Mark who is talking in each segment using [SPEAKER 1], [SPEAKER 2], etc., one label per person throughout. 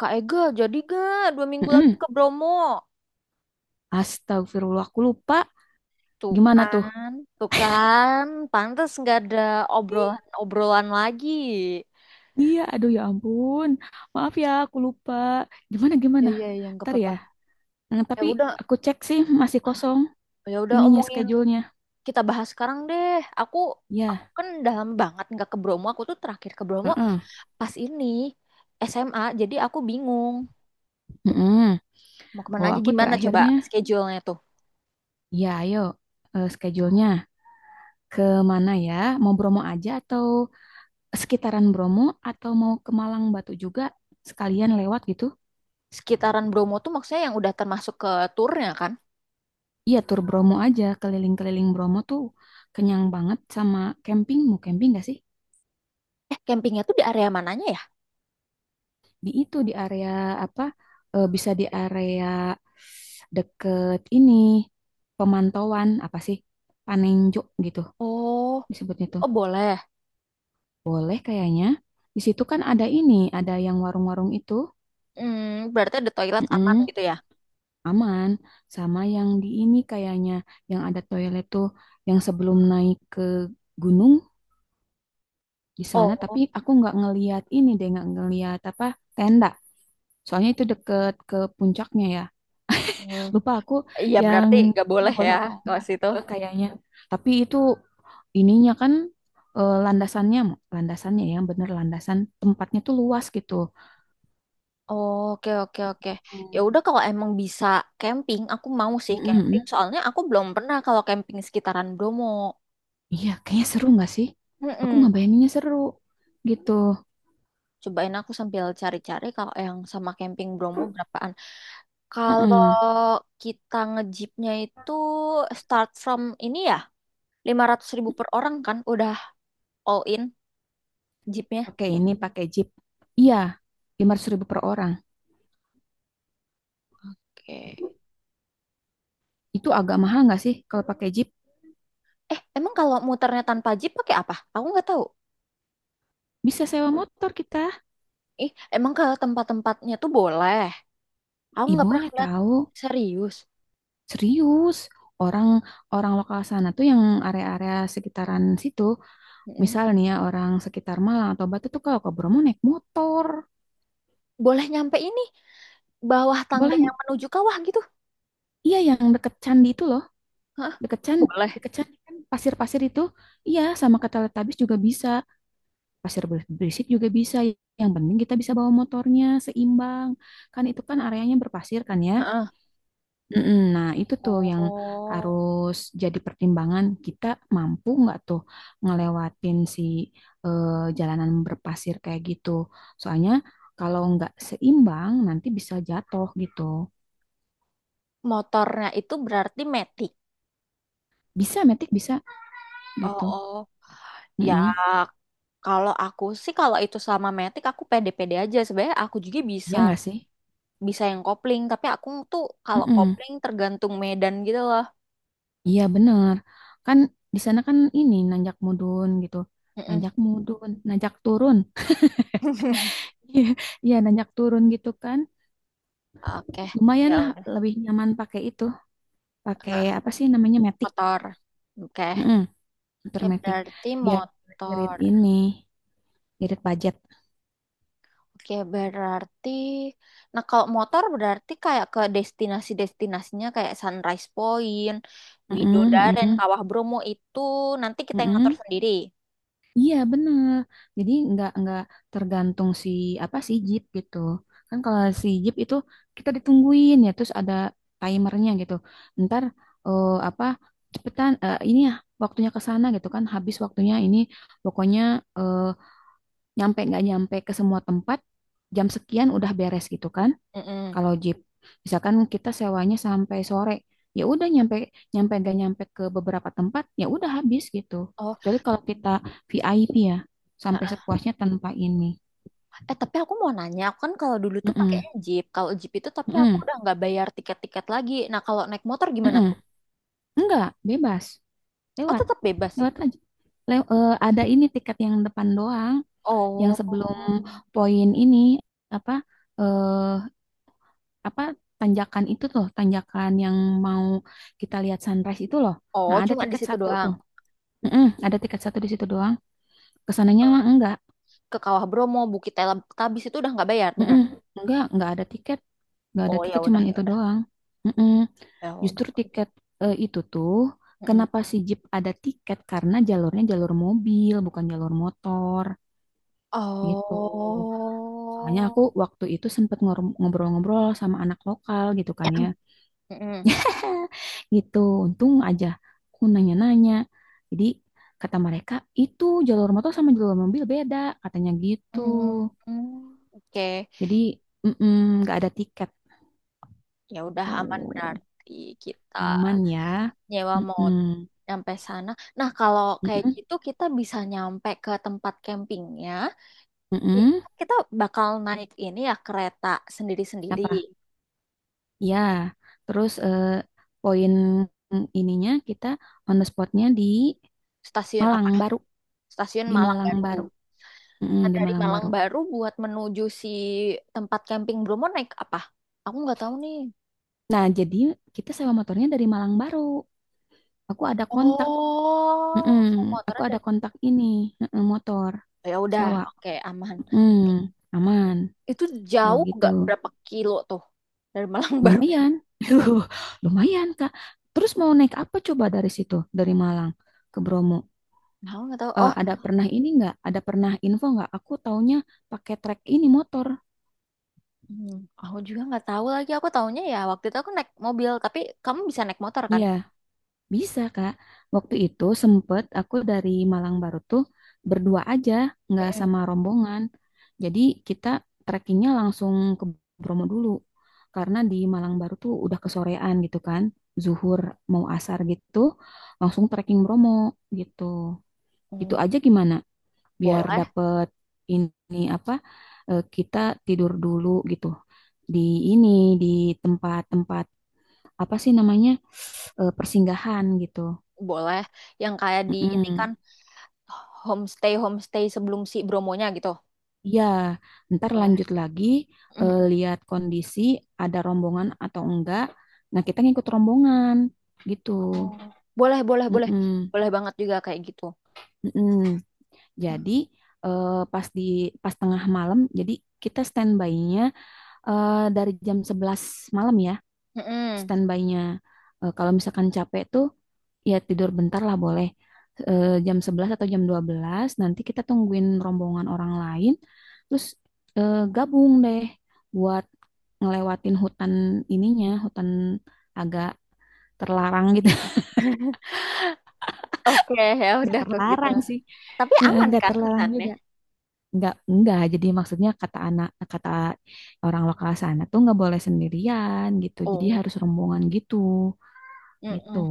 [SPEAKER 1] Kak Ega, jadi gak dua minggu lagi
[SPEAKER 2] Mm-mm.
[SPEAKER 1] ke Bromo?
[SPEAKER 2] Astagfirullah, aku lupa.
[SPEAKER 1] Tuh
[SPEAKER 2] Gimana tuh?
[SPEAKER 1] kan, tuh kan, pantas nggak ada
[SPEAKER 2] Ih,
[SPEAKER 1] obrolan-obrolan lagi.
[SPEAKER 2] iya, aduh ya ampun. Maaf ya, aku lupa. Gimana,
[SPEAKER 1] Iya
[SPEAKER 2] gimana?
[SPEAKER 1] iya, ya, nggak
[SPEAKER 2] Ntar
[SPEAKER 1] apa-apa.
[SPEAKER 2] ya.
[SPEAKER 1] Ya
[SPEAKER 2] Tapi
[SPEAKER 1] udah,
[SPEAKER 2] aku cek sih masih kosong
[SPEAKER 1] ya udah
[SPEAKER 2] ininya
[SPEAKER 1] omongin
[SPEAKER 2] schedule-nya.
[SPEAKER 1] kita bahas sekarang deh. Aku, aku
[SPEAKER 2] Ya,
[SPEAKER 1] kan dalam banget nggak ke Bromo. Aku tuh terakhir ke Bromo
[SPEAKER 2] heeh.
[SPEAKER 1] pas ini SMA. Jadi aku bingung
[SPEAKER 2] Heeh.
[SPEAKER 1] mau kemana
[SPEAKER 2] Oh,
[SPEAKER 1] aja.
[SPEAKER 2] aku
[SPEAKER 1] Gimana coba
[SPEAKER 2] terakhirnya.
[SPEAKER 1] schedule-nya tuh?
[SPEAKER 2] Ya, ayo schedule-nya ke mana ya? Mau Bromo aja atau sekitaran Bromo atau mau ke Malang Batu juga sekalian lewat gitu?
[SPEAKER 1] Sekitaran Bromo tuh maksudnya yang udah termasuk ke turnya kan?
[SPEAKER 2] Iya, tur Bromo aja, keliling-keliling Bromo tuh kenyang banget sama camping. Mau camping gak sih?
[SPEAKER 1] Campingnya tuh di area mananya ya?
[SPEAKER 2] Di itu, di area apa? Bisa di area deket ini, pemantauan, apa sih? Panenjuk gitu
[SPEAKER 1] Oh,
[SPEAKER 2] disebutnya tuh.
[SPEAKER 1] oh boleh.
[SPEAKER 2] Boleh kayaknya. Di situ kan ada ini, ada yang warung-warung itu.
[SPEAKER 1] Hmm, berarti ada toilet aman
[SPEAKER 2] Mm-mm,
[SPEAKER 1] gitu ya?
[SPEAKER 2] aman. Sama yang di ini kayaknya, yang ada toilet tuh, yang sebelum naik ke gunung, di sana tapi
[SPEAKER 1] Oh,
[SPEAKER 2] aku nggak ngeliat ini deh nggak ngeliat apa tenda soalnya itu deket ke puncaknya ya
[SPEAKER 1] hmm.
[SPEAKER 2] lupa aku
[SPEAKER 1] Iya
[SPEAKER 2] yang
[SPEAKER 1] berarti nggak boleh
[SPEAKER 2] boleh
[SPEAKER 1] ya
[SPEAKER 2] atau
[SPEAKER 1] kalau
[SPEAKER 2] enggak.
[SPEAKER 1] situ.
[SPEAKER 2] Kayaknya tapi itu ininya kan landasannya landasannya yang bener landasan tempatnya tuh luas gitu.
[SPEAKER 1] Oke oke oke. Ya
[SPEAKER 2] Hmm.
[SPEAKER 1] udah kalau emang bisa camping, aku mau sih camping.
[SPEAKER 2] Mm-mm.
[SPEAKER 1] Soalnya aku belum pernah kalau camping sekitaran Bromo.
[SPEAKER 2] Iya kayaknya seru nggak sih aku
[SPEAKER 1] Mm-mm.
[SPEAKER 2] nggak bayanginnya seru gitu.
[SPEAKER 1] Cobain aku sambil cari-cari kalau yang sama camping Bromo berapaan. Kalau
[SPEAKER 2] Mm-mm.
[SPEAKER 1] kita ngejipnya itu start from ini ya, 500 ribu per orang kan? Udah all in jeepnya.
[SPEAKER 2] Pakai ini pakai jeep, iya, 500.000 per orang,
[SPEAKER 1] Oke.
[SPEAKER 2] itu agak mahal nggak sih kalau pakai jeep?
[SPEAKER 1] Emang kalau muternya tanpa jeep pakai apa? Aku nggak tahu.
[SPEAKER 2] Bisa sewa motor kita.
[SPEAKER 1] Ih, emang kalau tempat-tempatnya tuh boleh. Aku
[SPEAKER 2] Ih,
[SPEAKER 1] nggak pernah
[SPEAKER 2] boleh
[SPEAKER 1] ngeliat
[SPEAKER 2] tahu.
[SPEAKER 1] serius.
[SPEAKER 2] Serius. Orang orang lokal sana tuh yang area-area sekitaran situ,
[SPEAKER 1] Mm-mm.
[SPEAKER 2] misal nih ya orang sekitar Malang atau Batu tuh kalau ke Bromo naik motor.
[SPEAKER 1] Boleh nyampe ini bawah tangga
[SPEAKER 2] Boleh.
[SPEAKER 1] yang menuju kawah gitu?
[SPEAKER 2] Iya, yang deket candi itu loh.
[SPEAKER 1] Hah?
[SPEAKER 2] Deket candi,
[SPEAKER 1] Boleh.
[SPEAKER 2] deket candi kan pasir-pasir itu. Iya, sama ke Teletubbies juga bisa. Pasir berisik juga bisa. Yang penting kita bisa bawa motornya seimbang. Kan itu kan areanya berpasir kan ya.
[SPEAKER 1] Heeh.
[SPEAKER 2] Mm-mm. Nah, itu tuh yang
[SPEAKER 1] Oh,
[SPEAKER 2] harus jadi pertimbangan kita, mampu nggak tuh ngelewatin si eh, jalanan berpasir kayak gitu. Soalnya kalau nggak seimbang nanti bisa jatuh gitu.
[SPEAKER 1] motornya itu berarti metik.
[SPEAKER 2] Bisa, metik bisa
[SPEAKER 1] Oh,
[SPEAKER 2] gitu.
[SPEAKER 1] oh. Ya,
[SPEAKER 2] Mm-mm.
[SPEAKER 1] kalau aku sih kalau itu sama metik aku pede-pede aja. Sebenarnya aku juga bisa
[SPEAKER 2] Ya nggak sih?
[SPEAKER 1] bisa yang kopling, tapi aku tuh kalau
[SPEAKER 2] Mm-mm.
[SPEAKER 1] kopling tergantung medan gitu loh.
[SPEAKER 2] Iya bener. Kan di sana kan ini nanjak mudun gitu.
[SPEAKER 1] Mm-mm.
[SPEAKER 2] Nanjak mudun, nanjak turun. Iya, iya, nanjak turun gitu kan.
[SPEAKER 1] Oke,
[SPEAKER 2] Lumayan
[SPEAKER 1] ya
[SPEAKER 2] lah
[SPEAKER 1] udah.
[SPEAKER 2] lebih nyaman pakai itu, pakai
[SPEAKER 1] Ah,
[SPEAKER 2] apa sih namanya, matic.
[SPEAKER 1] motor. Oke.
[SPEAKER 2] Mm-mm, motor
[SPEAKER 1] Oke,
[SPEAKER 2] matic
[SPEAKER 1] berarti
[SPEAKER 2] biar irit
[SPEAKER 1] motor.
[SPEAKER 2] ini, irit budget.
[SPEAKER 1] Oke, berarti nah kalau motor berarti kayak ke destinasi-destinasinya kayak Sunrise Point,
[SPEAKER 2] Mm-mm,
[SPEAKER 1] Widodaren,
[SPEAKER 2] mm-mm,
[SPEAKER 1] Kawah Bromo itu nanti kita yang ngatur
[SPEAKER 2] mm-mm.
[SPEAKER 1] sendiri.
[SPEAKER 2] Iya bener, jadi nggak tergantung si apa si Jeep gitu kan. Kalau si Jeep itu kita ditungguin ya, terus ada timernya gitu, ntar apa, cepetan, ini ya, waktunya ke sana gitu kan, habis waktunya ini pokoknya, eh, nyampe nggak nyampe ke semua tempat, jam sekian udah beres gitu kan.
[SPEAKER 1] Mm-mm.
[SPEAKER 2] Kalau jeep, misalkan kita sewanya sampai sore, ya udah nyampe nyampe gak nyampe ke beberapa tempat, ya udah habis gitu.
[SPEAKER 1] Oh,
[SPEAKER 2] Kecuali kalau kita VIP ya, sampai
[SPEAKER 1] heeh.
[SPEAKER 2] sepuasnya tanpa ini.
[SPEAKER 1] Tapi aku mau nanya, aku kan kalau dulu tuh
[SPEAKER 2] Mm-mm,
[SPEAKER 1] pakainya Jeep. Kalau Jeep itu tapi aku
[SPEAKER 2] mm-mm,
[SPEAKER 1] udah nggak bayar tiket-tiket lagi. Nah, kalau naik motor gimana
[SPEAKER 2] mm-mm.
[SPEAKER 1] tuh?
[SPEAKER 2] Enggak, bebas.
[SPEAKER 1] Oh,
[SPEAKER 2] Lewat,
[SPEAKER 1] tetap bebas.
[SPEAKER 2] lewat aja. Ada ini tiket yang depan doang, yang
[SPEAKER 1] Oh.
[SPEAKER 2] sebelum poin ini apa eh apa tanjakan itu tuh, tanjakan yang mau kita lihat sunrise itu loh.
[SPEAKER 1] Oh,
[SPEAKER 2] Nah, ada
[SPEAKER 1] cuma di
[SPEAKER 2] tiket
[SPEAKER 1] situ
[SPEAKER 2] satu
[SPEAKER 1] doang.
[SPEAKER 2] tuh. Mm-mm, ada tiket satu di situ doang. Kesananya mah enggak.
[SPEAKER 1] Ke Kawah Bromo, Bukit Tabis itu udah nggak bayar, benar?
[SPEAKER 2] Mm-mm, enggak ada tiket. Enggak ada
[SPEAKER 1] Oh ya
[SPEAKER 2] tiket
[SPEAKER 1] udah
[SPEAKER 2] cuman
[SPEAKER 1] ya
[SPEAKER 2] itu
[SPEAKER 1] udah
[SPEAKER 2] doang. Mm-mm.
[SPEAKER 1] ya
[SPEAKER 2] Justru
[SPEAKER 1] udah.
[SPEAKER 2] tiket itu tuh
[SPEAKER 1] Mm-mm.
[SPEAKER 2] kenapa si Jeep ada tiket karena jalurnya jalur mobil bukan jalur motor gitu. Soalnya aku
[SPEAKER 1] Oh,
[SPEAKER 2] waktu itu sempet ngobrol-ngobrol sama anak lokal gitu kan ya.
[SPEAKER 1] Mm-mm.
[SPEAKER 2] Gitu. Untung aja aku nanya-nanya. Jadi kata mereka itu jalur motor sama jalur mobil beda katanya gitu.
[SPEAKER 1] Mm-mm. Oke,
[SPEAKER 2] Jadi mm-mm, nggak ada tiket
[SPEAKER 1] ya udah aman
[SPEAKER 2] tuh,
[SPEAKER 1] berarti kita
[SPEAKER 2] aman ya.
[SPEAKER 1] nyewa mau
[SPEAKER 2] Mm-mm.
[SPEAKER 1] nyampe sana. Nah kalau kayak
[SPEAKER 2] Mm-mm.
[SPEAKER 1] gitu kita bisa nyampe ke tempat campingnya. I-
[SPEAKER 2] Mm-mm.
[SPEAKER 1] Kita bakal naik ini ya kereta sendiri-sendiri.
[SPEAKER 2] Apa? Ya. Terus poin ininya kita on the spotnya
[SPEAKER 1] Stasiun
[SPEAKER 2] Malang
[SPEAKER 1] apa?
[SPEAKER 2] Baru,
[SPEAKER 1] Stasiun
[SPEAKER 2] di
[SPEAKER 1] Malang
[SPEAKER 2] Malang
[SPEAKER 1] Baru.
[SPEAKER 2] Baru, mm-mm, di
[SPEAKER 1] Dari
[SPEAKER 2] Malang
[SPEAKER 1] Malang
[SPEAKER 2] Baru.
[SPEAKER 1] Baru buat menuju si tempat camping Bromo naik apa? Aku nggak tahu nih.
[SPEAKER 2] Nah, jadi kita sewa motornya dari Malang Baru. Aku ada kontak.
[SPEAKER 1] Oh, saya
[SPEAKER 2] Mm-mm. Aku
[SPEAKER 1] motornya
[SPEAKER 2] ada
[SPEAKER 1] dari.
[SPEAKER 2] kontak ini, mm-mm, motor
[SPEAKER 1] Oh, ya udah,
[SPEAKER 2] sewa.
[SPEAKER 1] oke aman.
[SPEAKER 2] Mm, aman
[SPEAKER 1] Itu
[SPEAKER 2] kalau
[SPEAKER 1] jauh nggak
[SPEAKER 2] gitu.
[SPEAKER 1] berapa kilo tuh dari Malang Baru?
[SPEAKER 2] Lumayan. Lumayan, Kak. Terus mau naik apa coba dari situ, dari Malang ke Bromo?
[SPEAKER 1] Aku nggak tahu.
[SPEAKER 2] Eh,
[SPEAKER 1] Oh,
[SPEAKER 2] ada pernah ini nggak? Ada pernah info nggak? Aku taunya pakai trek ini motor.
[SPEAKER 1] hmm, aku juga nggak tahu lagi. Aku taunya ya waktu itu aku naik mobil, tapi kamu bisa naik motor kan?
[SPEAKER 2] Iya, bisa, Kak. Waktu itu sempet aku dari Malang Baru tuh berdua aja, nggak
[SPEAKER 1] Mm-mm.
[SPEAKER 2] sama rombongan. Jadi kita trekkingnya langsung ke Bromo dulu. Karena di Malang Baru tuh udah kesorean gitu kan. Zuhur mau asar gitu, langsung trekking Bromo gitu. Gitu
[SPEAKER 1] Hmm,
[SPEAKER 2] aja gimana? Biar
[SPEAKER 1] boleh,
[SPEAKER 2] dapet ini apa? Kita tidur dulu gitu di ini, di tempat-tempat apa sih namanya, persinggahan gitu.
[SPEAKER 1] boleh. Yang kayak di ini kan
[SPEAKER 2] Mm-mm.
[SPEAKER 1] homestay homestay sebelum si Bromonya gitu.
[SPEAKER 2] Iya, ntar
[SPEAKER 1] Boleh.
[SPEAKER 2] lanjut lagi,
[SPEAKER 1] Mm-mm.
[SPEAKER 2] lihat kondisi ada rombongan atau enggak. Nah, kita ngikut rombongan gitu.
[SPEAKER 1] Oh, boleh, boleh, boleh.
[SPEAKER 2] Mm-mm.
[SPEAKER 1] Boleh banget juga kayak gitu.
[SPEAKER 2] Mm-mm. Jadi pas di pas tengah malam, jadi kita standby-nya dari jam 11 malam ya.
[SPEAKER 1] Mm-mm.
[SPEAKER 2] Standby-nya. Eh, kalau misalkan capek tuh ya tidur bentar lah boleh. Eh, jam 11 atau jam 12 nanti kita tungguin rombongan orang lain, terus gabung deh buat ngelewatin hutan ininya, hutan agak terlarang gitu.
[SPEAKER 1] Oke, ya
[SPEAKER 2] Nggak
[SPEAKER 1] udah kok gitu.
[SPEAKER 2] terlarang sih.
[SPEAKER 1] Tapi
[SPEAKER 2] Eh,
[SPEAKER 1] aman
[SPEAKER 2] nggak
[SPEAKER 1] kan
[SPEAKER 2] terlarang
[SPEAKER 1] hutannya?
[SPEAKER 2] juga. Nggak, nggak. Jadi maksudnya kata anak, kata orang lokal sana tuh nggak boleh sendirian gitu. Jadi
[SPEAKER 1] Oh,
[SPEAKER 2] harus rombongan gitu. Gitu.
[SPEAKER 1] mm-mm.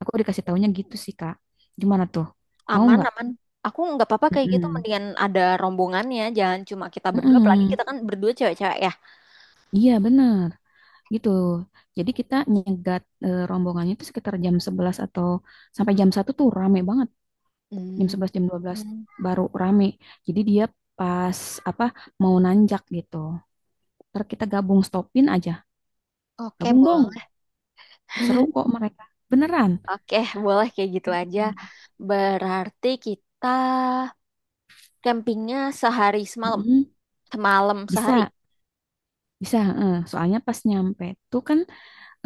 [SPEAKER 2] Aku dikasih taunya gitu sih, Kak. Gimana tuh? Mau
[SPEAKER 1] Aman,
[SPEAKER 2] nggak?
[SPEAKER 1] aman. Aku nggak apa-apa kayak gitu.
[SPEAKER 2] Mm-mm.
[SPEAKER 1] Mendingan ada rombongannya. Jangan cuma kita berdua. Apalagi
[SPEAKER 2] Mm-mm.
[SPEAKER 1] kita kan berdua cewek-cewek ya.
[SPEAKER 2] Iya, benar. Gitu. Jadi kita nyegat rombongannya itu sekitar jam 11 atau sampai jam 1 tuh rame banget. Jam
[SPEAKER 1] Mm.
[SPEAKER 2] 11 jam 12 baru rame. Jadi dia pas apa mau nanjak gitu. Ntar kita gabung stopin aja.
[SPEAKER 1] Oke,
[SPEAKER 2] Gabung dong.
[SPEAKER 1] boleh.
[SPEAKER 2] Seru kok mereka. Beneran.
[SPEAKER 1] Oke, boleh kayak gitu aja.
[SPEAKER 2] Hmm.
[SPEAKER 1] Berarti kita campingnya sehari semalam.
[SPEAKER 2] Mm-mm.
[SPEAKER 1] Semalam sehari.
[SPEAKER 2] Bisa, bisa. Eh. Soalnya pas nyampe tuh kan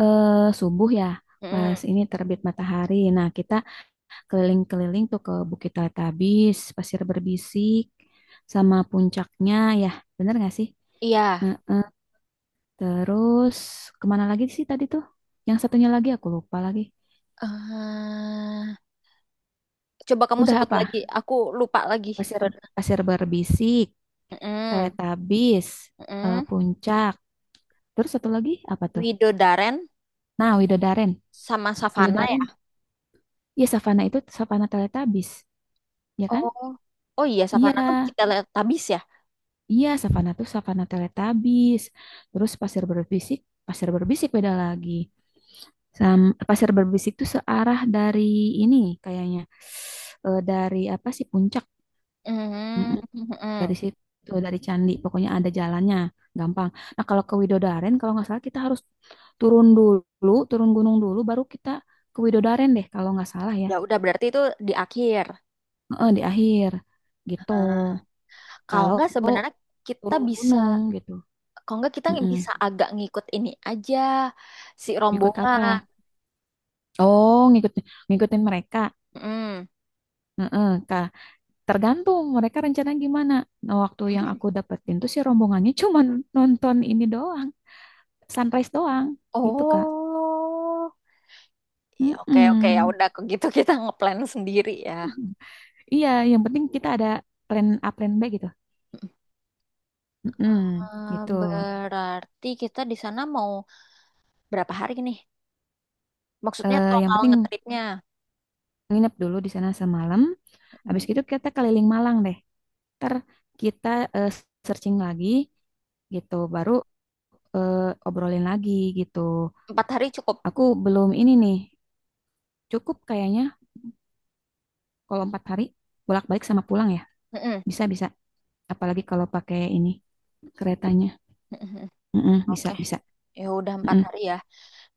[SPEAKER 2] subuh ya, pas
[SPEAKER 1] Mm.
[SPEAKER 2] ini terbit matahari. Nah, kita keliling-keliling tuh ke Bukit Teletubbies, Pasir Berbisik, sama puncaknya ya, bener gak sih?
[SPEAKER 1] Iya.
[SPEAKER 2] Nah, terus kemana lagi sih tadi tuh? Yang satunya lagi aku lupa lagi.
[SPEAKER 1] Eh, coba kamu
[SPEAKER 2] Udah
[SPEAKER 1] sebut
[SPEAKER 2] apa?
[SPEAKER 1] lagi. Aku lupa lagi.
[SPEAKER 2] Pasir
[SPEAKER 1] Ber-
[SPEAKER 2] Pasir Berbisik,
[SPEAKER 1] Mm,
[SPEAKER 2] Teletubbies,
[SPEAKER 1] mm.
[SPEAKER 2] puncak. Terus satu lagi apa tuh?
[SPEAKER 1] Widodaren
[SPEAKER 2] Nah, Widodaren.
[SPEAKER 1] sama Savana
[SPEAKER 2] Widodaren.
[SPEAKER 1] ya.
[SPEAKER 2] Iya, savana itu savana Teletubbies, ya kan?
[SPEAKER 1] Oh, oh iya
[SPEAKER 2] Iya,
[SPEAKER 1] Savana tuh kita lihat tabis ya.
[SPEAKER 2] iya, savana tuh savana teletabis. Terus pasir berbisik beda lagi. Pasir berbisik tuh searah dari ini kayaknya. Eh, dari apa sih puncak?
[SPEAKER 1] Mm,
[SPEAKER 2] Mm-mm.
[SPEAKER 1] mm,
[SPEAKER 2] Dari
[SPEAKER 1] mm.
[SPEAKER 2] situ, dari Candi. Pokoknya ada jalannya, gampang. Nah, kalau ke Widodaren, kalau nggak salah kita harus turun dulu, turun gunung dulu, baru kita ke Widodaren deh, kalau nggak salah ya.
[SPEAKER 1] Ya udah berarti itu di akhir.
[SPEAKER 2] Heeh, di akhir, gitu.
[SPEAKER 1] Nah, kalau
[SPEAKER 2] Kalau
[SPEAKER 1] nggak sebenarnya kita
[SPEAKER 2] turun
[SPEAKER 1] bisa,
[SPEAKER 2] gunung gitu.
[SPEAKER 1] kalau nggak kita
[SPEAKER 2] Mm-mm.
[SPEAKER 1] bisa agak ngikut ini aja si
[SPEAKER 2] Ikut
[SPEAKER 1] rombongan.
[SPEAKER 2] apa? Oh, ngikutin ngikutin mereka.
[SPEAKER 1] Mm.
[SPEAKER 2] Heeh, Kak. Tergantung mereka rencana gimana. Nah, waktu yang aku dapetin tuh si rombongannya cuma nonton ini doang, sunrise doang, gitu Kak.
[SPEAKER 1] Oh, ya oke oke ya
[SPEAKER 2] Mm-mm.
[SPEAKER 1] udah kalau gitu kita ngeplan sendiri ya.
[SPEAKER 2] Iya, yang penting kita ada plan A, plan B gitu. Mm-mm, gitu.
[SPEAKER 1] Berarti kita di sana mau berapa hari nih? Maksudnya
[SPEAKER 2] Eh, yang
[SPEAKER 1] total
[SPEAKER 2] penting
[SPEAKER 1] ngetripnya.
[SPEAKER 2] nginep dulu di sana semalam. Habis
[SPEAKER 1] Mm,
[SPEAKER 2] itu kita keliling Malang deh. Ntar kita eh, searching lagi gitu, baru obrolin lagi gitu.
[SPEAKER 1] 4 hari cukup.
[SPEAKER 2] Aku belum ini nih. Cukup kayaknya kalau 4 hari bolak-balik sama pulang ya.
[SPEAKER 1] Mm-mm.
[SPEAKER 2] Bisa bisa. Apalagi kalau pakai ini keretanya.
[SPEAKER 1] Mm-mm.
[SPEAKER 2] Mm-mm, bisa
[SPEAKER 1] Oke,
[SPEAKER 2] bisa.
[SPEAKER 1] ya udah empat
[SPEAKER 2] Mm-mm,
[SPEAKER 1] hari ya.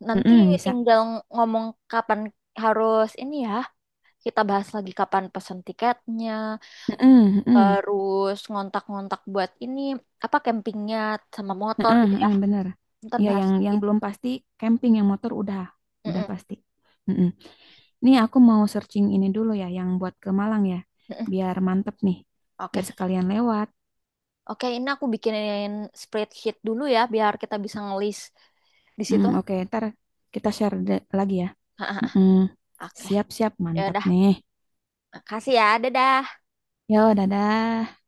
[SPEAKER 1] Nanti
[SPEAKER 2] mm-mm, bisa.
[SPEAKER 1] tinggal ngomong kapan harus ini ya. Kita bahas lagi kapan pesan tiketnya,
[SPEAKER 2] Mm-mm, mm-mm,
[SPEAKER 1] terus ngontak-ngontak buat ini apa campingnya sama motor
[SPEAKER 2] mm-mm,
[SPEAKER 1] gitu ya.
[SPEAKER 2] mm-mm, bener.
[SPEAKER 1] Ntar
[SPEAKER 2] Iya
[SPEAKER 1] bahas
[SPEAKER 2] yang
[SPEAKER 1] lagi.
[SPEAKER 2] yang belum pasti camping, yang motor udah
[SPEAKER 1] Mm-mm.
[SPEAKER 2] pasti. Mm-mm. Ini aku mau searching ini dulu ya yang buat ke Malang ya.
[SPEAKER 1] Mm-mm.
[SPEAKER 2] Biar mantep nih. Biar
[SPEAKER 1] Oke,
[SPEAKER 2] sekalian lewat.
[SPEAKER 1] oke, ini aku bikinin spreadsheet dulu ya, biar kita bisa ngelis di situ.
[SPEAKER 2] Mm, oke, ntar kita lagi ya. Mm-mm.
[SPEAKER 1] Oke,
[SPEAKER 2] Siap-siap,
[SPEAKER 1] ya
[SPEAKER 2] mantap
[SPEAKER 1] udah.
[SPEAKER 2] nih.
[SPEAKER 1] Makasih ya. Dadah.
[SPEAKER 2] Yo, dadah.